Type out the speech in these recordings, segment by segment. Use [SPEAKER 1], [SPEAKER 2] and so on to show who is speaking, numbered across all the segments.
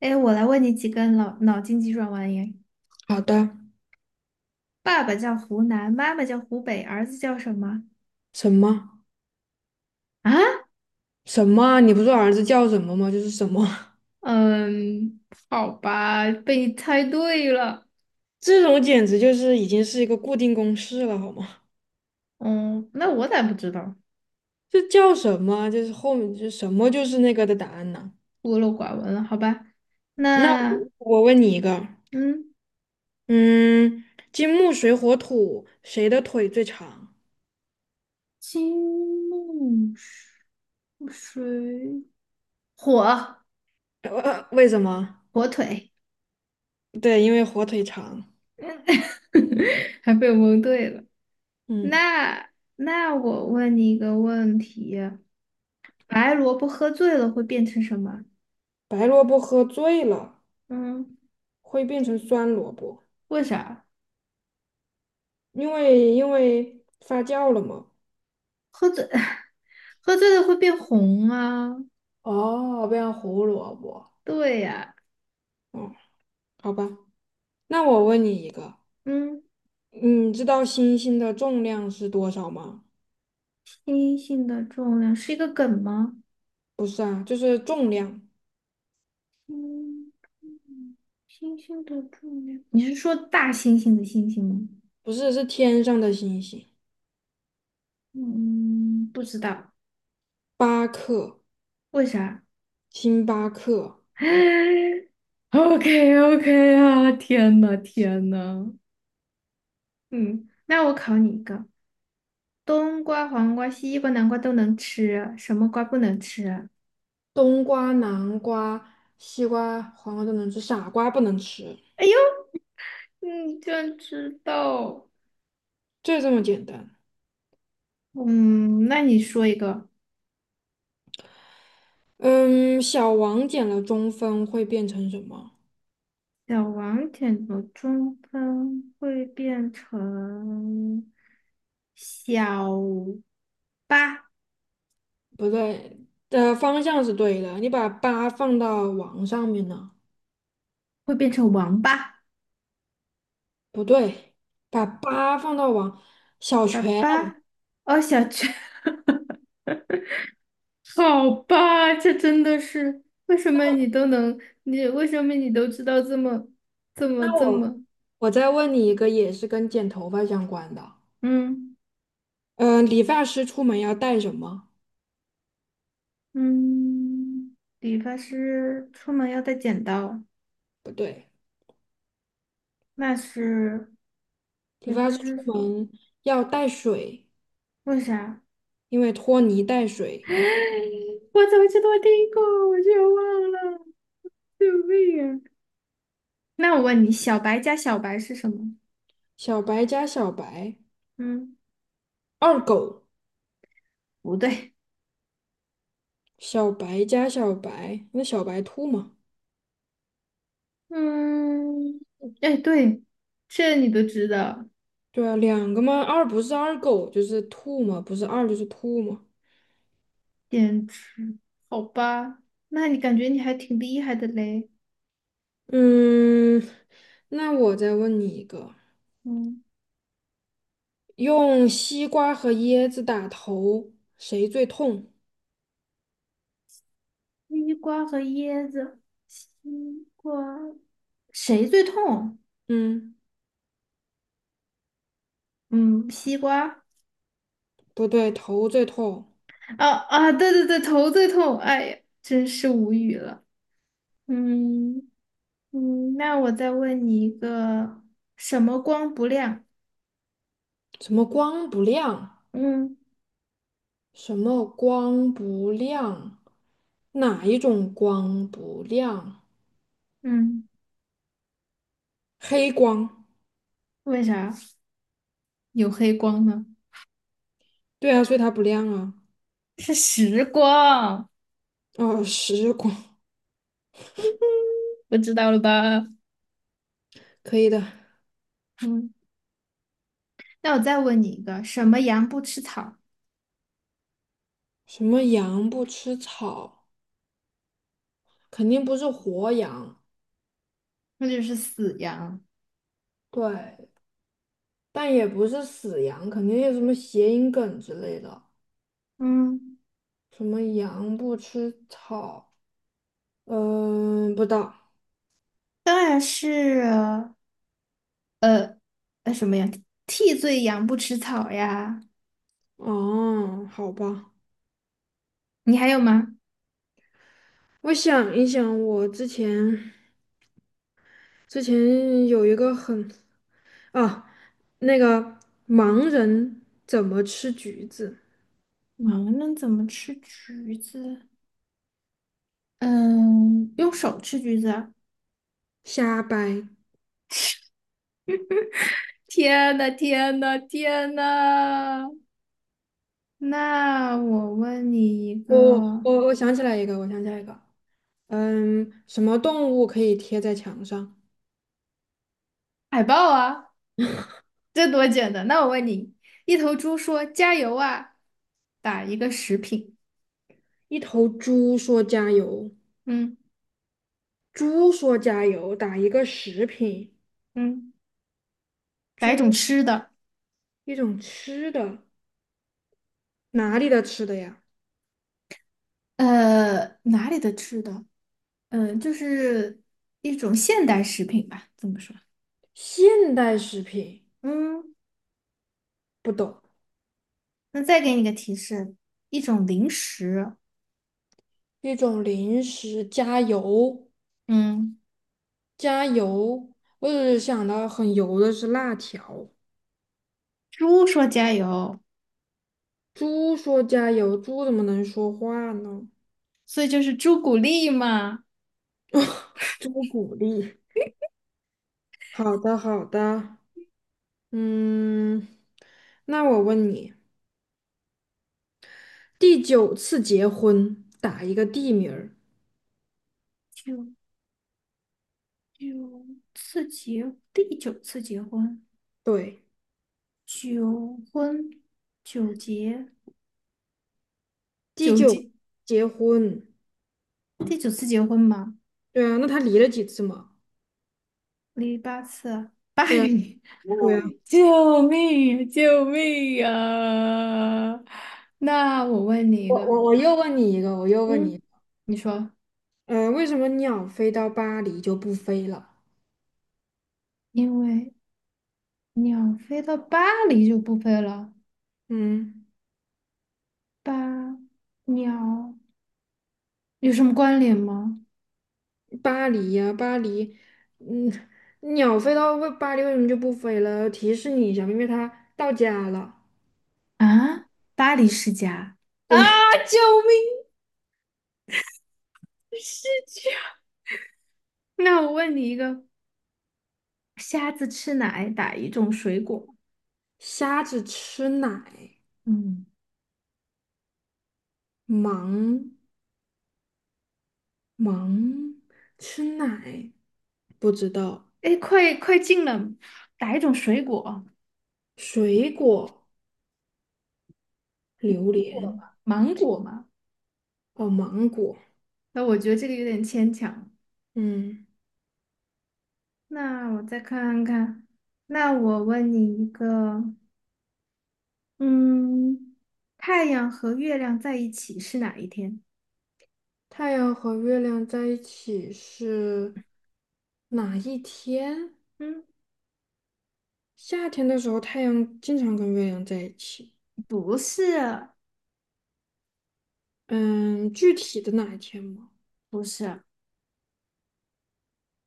[SPEAKER 1] 哎，我来问你几个脑筋急转弯耶。
[SPEAKER 2] 好的，
[SPEAKER 1] 爸爸叫湖南，妈妈叫湖北，儿子叫什么？
[SPEAKER 2] 什么
[SPEAKER 1] 啊？
[SPEAKER 2] 什么啊你不说儿子叫什么吗？就是什么，
[SPEAKER 1] 嗯，好吧，被你猜对了。
[SPEAKER 2] 这种简直就是已经是一个固定公式了，好吗？
[SPEAKER 1] 嗯，那我咋不知道？
[SPEAKER 2] 这叫什么啊？就是后面就什么就是那个的答案呢？
[SPEAKER 1] 孤陋寡闻了，好吧。
[SPEAKER 2] 那
[SPEAKER 1] 那
[SPEAKER 2] 我我问你一个。
[SPEAKER 1] 嗯，
[SPEAKER 2] 嗯，金木水火土，谁的腿最长？
[SPEAKER 1] 金木水火
[SPEAKER 2] 为什么？
[SPEAKER 1] 火腿，
[SPEAKER 2] 对，因为火腿肠。
[SPEAKER 1] 还被我蒙对了。
[SPEAKER 2] 嗯，
[SPEAKER 1] 那那我问你一个问题：白萝卜喝醉了会变成什么？
[SPEAKER 2] 白萝卜喝醉了
[SPEAKER 1] 嗯。
[SPEAKER 2] 会变成酸萝卜，
[SPEAKER 1] 为啥？
[SPEAKER 2] 因为发酵了嘛。
[SPEAKER 1] 喝醉，喝醉了会变红啊？
[SPEAKER 2] 哦，变成胡萝卜。
[SPEAKER 1] 对呀、
[SPEAKER 2] 嗯，好吧。那我问你一个，
[SPEAKER 1] 嗯，
[SPEAKER 2] 你知道星星的重量是多少吗？
[SPEAKER 1] 星星的重量是一个梗吗？
[SPEAKER 2] 不是啊，就是重量，
[SPEAKER 1] 嗯，星星的重量，你是说大猩猩的猩猩吗？
[SPEAKER 2] 不是，是天上的星星，
[SPEAKER 1] 嗯，不知道，
[SPEAKER 2] 八克，
[SPEAKER 1] 为啥
[SPEAKER 2] 星巴克。
[SPEAKER 1] ？OK OK 啊，天呐天呐，嗯，那我考你一个，冬瓜、黄瓜、西瓜、南瓜都能吃啊，什么瓜不能吃啊？
[SPEAKER 2] 冬瓜、南瓜、西瓜、黄瓜都能吃，傻瓜不能吃，
[SPEAKER 1] 哎呦，你居然知道！
[SPEAKER 2] 就这么简单。
[SPEAKER 1] 嗯，那你说一个，
[SPEAKER 2] 嗯，小王减了中分会变成什么？
[SPEAKER 1] 小王点的中分会变成小八，
[SPEAKER 2] 不对，的方向是对的，你把八放到王上面呢？
[SPEAKER 1] 会变成王八，
[SPEAKER 2] 不对，把八放到王，小
[SPEAKER 1] 爸
[SPEAKER 2] 全。
[SPEAKER 1] 爸，哦，小雀，好吧，这真的是为什么你都能，你为什么你都知道这么这么
[SPEAKER 2] 那
[SPEAKER 1] 这
[SPEAKER 2] 我。
[SPEAKER 1] 么，
[SPEAKER 2] 我再问你一个，也是跟剪头发相关的。
[SPEAKER 1] 嗯
[SPEAKER 2] 嗯，理发师出门要带什么？
[SPEAKER 1] 嗯，理发师出门要带剪刀，
[SPEAKER 2] 不对，
[SPEAKER 1] 那是
[SPEAKER 2] 理
[SPEAKER 1] 理发
[SPEAKER 2] 发师
[SPEAKER 1] 师
[SPEAKER 2] 出门要带水，
[SPEAKER 1] 为啥？
[SPEAKER 2] 因为拖泥带水。
[SPEAKER 1] 我怎么记得我听过，我却忘了，救命啊！那我问你，小白加小白是什么？
[SPEAKER 2] 小白加小白，
[SPEAKER 1] 嗯，
[SPEAKER 2] 二狗。
[SPEAKER 1] 不对，
[SPEAKER 2] 小白加小白，那小白兔嘛？
[SPEAKER 1] 嗯，哎，对，这你都知道，
[SPEAKER 2] 对啊，两个嘛，二不是二狗就是兔嘛，不是二就是兔嘛。
[SPEAKER 1] 电池，好吧？那你感觉你还挺厉害的嘞。
[SPEAKER 2] 嗯，那我再问你一个，
[SPEAKER 1] 嗯，
[SPEAKER 2] 用西瓜和椰子打头，谁最痛？
[SPEAKER 1] 西瓜和椰子，西瓜，谁最痛？
[SPEAKER 2] 嗯。
[SPEAKER 1] 嗯，西瓜。
[SPEAKER 2] 不对，头最痛。
[SPEAKER 1] 啊啊，对对对，头最痛，哎呀，真是无语了。嗯，嗯，那我再问你一个，什么光不亮？
[SPEAKER 2] 什么光不亮？
[SPEAKER 1] 嗯
[SPEAKER 2] 什么光不亮？哪一种光不亮？
[SPEAKER 1] 嗯，
[SPEAKER 2] 黑光。
[SPEAKER 1] 为啥有黑光呢？
[SPEAKER 2] 对啊，所以它不亮啊。
[SPEAKER 1] 是时光，
[SPEAKER 2] 哦，实光，
[SPEAKER 1] 不知道了吧？
[SPEAKER 2] 可以的。
[SPEAKER 1] 嗯，那我再问你一个，什么羊不吃草？
[SPEAKER 2] 什么羊不吃草？肯定不是活羊，
[SPEAKER 1] 那就是死羊。
[SPEAKER 2] 对，但也不是死羊，肯定有什么谐音梗之类的。
[SPEAKER 1] 嗯，
[SPEAKER 2] 什么羊不吃草？嗯、不知道。
[SPEAKER 1] 当然是呃什么呀？替罪羊不吃草呀。
[SPEAKER 2] 哦，好吧。
[SPEAKER 1] 你还有吗？
[SPEAKER 2] 我想一想，我之前有一个很啊，那个盲人怎么吃橘子？
[SPEAKER 1] 盲人怎么吃橘子？嗯，用手吃橘子啊
[SPEAKER 2] 瞎掰。
[SPEAKER 1] 天呐，天呐，天呐！那我问你一个
[SPEAKER 2] 我我想起来一个，我想起来一个。嗯，什么动物可以贴在墙上？
[SPEAKER 1] 海报啊，这多简单。那我问你，一头猪说加油啊，打一个食品，
[SPEAKER 2] 一头猪说加油，
[SPEAKER 1] 嗯
[SPEAKER 2] 猪说加油，打一个食品，
[SPEAKER 1] 嗯，打一种吃的，
[SPEAKER 2] 一种吃的，哪里的吃的呀？
[SPEAKER 1] 呃，哪里的吃的？嗯、就是一种现代食品吧，这么说。
[SPEAKER 2] 现代食品，
[SPEAKER 1] 嗯，
[SPEAKER 2] 不懂，
[SPEAKER 1] 那再给你个提示，一种零食。
[SPEAKER 2] 一种零食，加油，
[SPEAKER 1] 嗯，
[SPEAKER 2] 加油。我只是想到很油的是辣条。
[SPEAKER 1] 猪说加油，
[SPEAKER 2] 猪说加油，猪怎么能说话呢？
[SPEAKER 1] 所以就是朱古力嘛。
[SPEAKER 2] 猪鼓励。好的，好的。嗯，那我问你，第九次结婚打一个地名儿，
[SPEAKER 1] 九九次结，第九次结婚。
[SPEAKER 2] 对，
[SPEAKER 1] 九婚九结
[SPEAKER 2] 第
[SPEAKER 1] 九
[SPEAKER 2] 九
[SPEAKER 1] 结，
[SPEAKER 2] 结婚，
[SPEAKER 1] 第九次结婚嘛，
[SPEAKER 2] 对啊，那他离了几次嘛？
[SPEAKER 1] 离八次巴八
[SPEAKER 2] 对啊，
[SPEAKER 1] 离，
[SPEAKER 2] 对啊。
[SPEAKER 1] 救命呀救命呀！那我问你一
[SPEAKER 2] 我
[SPEAKER 1] 个，
[SPEAKER 2] 我我又问你一个，我又问
[SPEAKER 1] 嗯，
[SPEAKER 2] 你，
[SPEAKER 1] 你说，
[SPEAKER 2] 为什么鸟飞到巴黎就不飞了？
[SPEAKER 1] 因为鸟飞到巴黎就不飞了，
[SPEAKER 2] 嗯。
[SPEAKER 1] 巴鸟有什么关联吗？
[SPEAKER 2] 巴黎呀、巴黎，嗯，鸟飞到为巴黎为什么就不飞了？提示你一下，因为它到家了。
[SPEAKER 1] 啊，巴黎世家啊！
[SPEAKER 2] 对，
[SPEAKER 1] 救命，世家！那我问你一个，瞎子吃奶打一种水果？
[SPEAKER 2] 瞎子吃奶，
[SPEAKER 1] 嗯，
[SPEAKER 2] 忙忙吃奶，不知道。
[SPEAKER 1] 哎，快快进了，打一种水果？
[SPEAKER 2] 水果，榴莲，
[SPEAKER 1] 芒果嘛？
[SPEAKER 2] 哦，芒果。
[SPEAKER 1] 那我觉得这个有点牵强。
[SPEAKER 2] 嗯，
[SPEAKER 1] 那我再看看，那我问你一个，嗯，太阳和月亮在一起是哪一天？
[SPEAKER 2] 太阳和月亮在一起是哪一天？
[SPEAKER 1] 嗯，
[SPEAKER 2] 夏天的时候，太阳经常跟月亮在一起。
[SPEAKER 1] 不是，
[SPEAKER 2] 嗯，具体的哪一天吗？
[SPEAKER 1] 不是，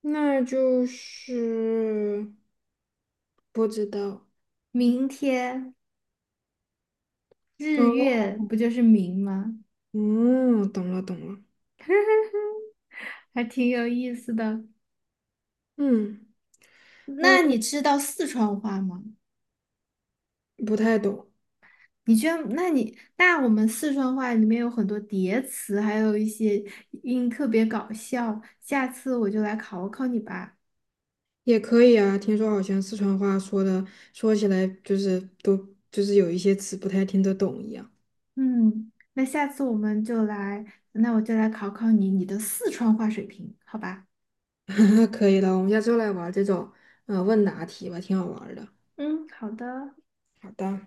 [SPEAKER 2] 那就是不知道。
[SPEAKER 1] 明天日
[SPEAKER 2] 哦，
[SPEAKER 1] 月不就是明吗？
[SPEAKER 2] 嗯，懂了。
[SPEAKER 1] 还挺有意思的。
[SPEAKER 2] 嗯
[SPEAKER 1] 那你
[SPEAKER 2] 嗯，
[SPEAKER 1] 知道四川话吗？
[SPEAKER 2] 不太懂，
[SPEAKER 1] 你居然，那你那我们四川话里面有很多叠词，还有一些音特别搞笑。下次我就来考考你吧。
[SPEAKER 2] 也可以啊。听说好像四川话说的，说起来就是就是有一些词不太听得懂一样。
[SPEAKER 1] 嗯，那下次我们就来，那我就来考考你你的四川话水平，好吧？
[SPEAKER 2] 可以了，我们下次又来玩这种问答题吧，挺好玩儿的。
[SPEAKER 1] 嗯，好的。
[SPEAKER 2] 好的。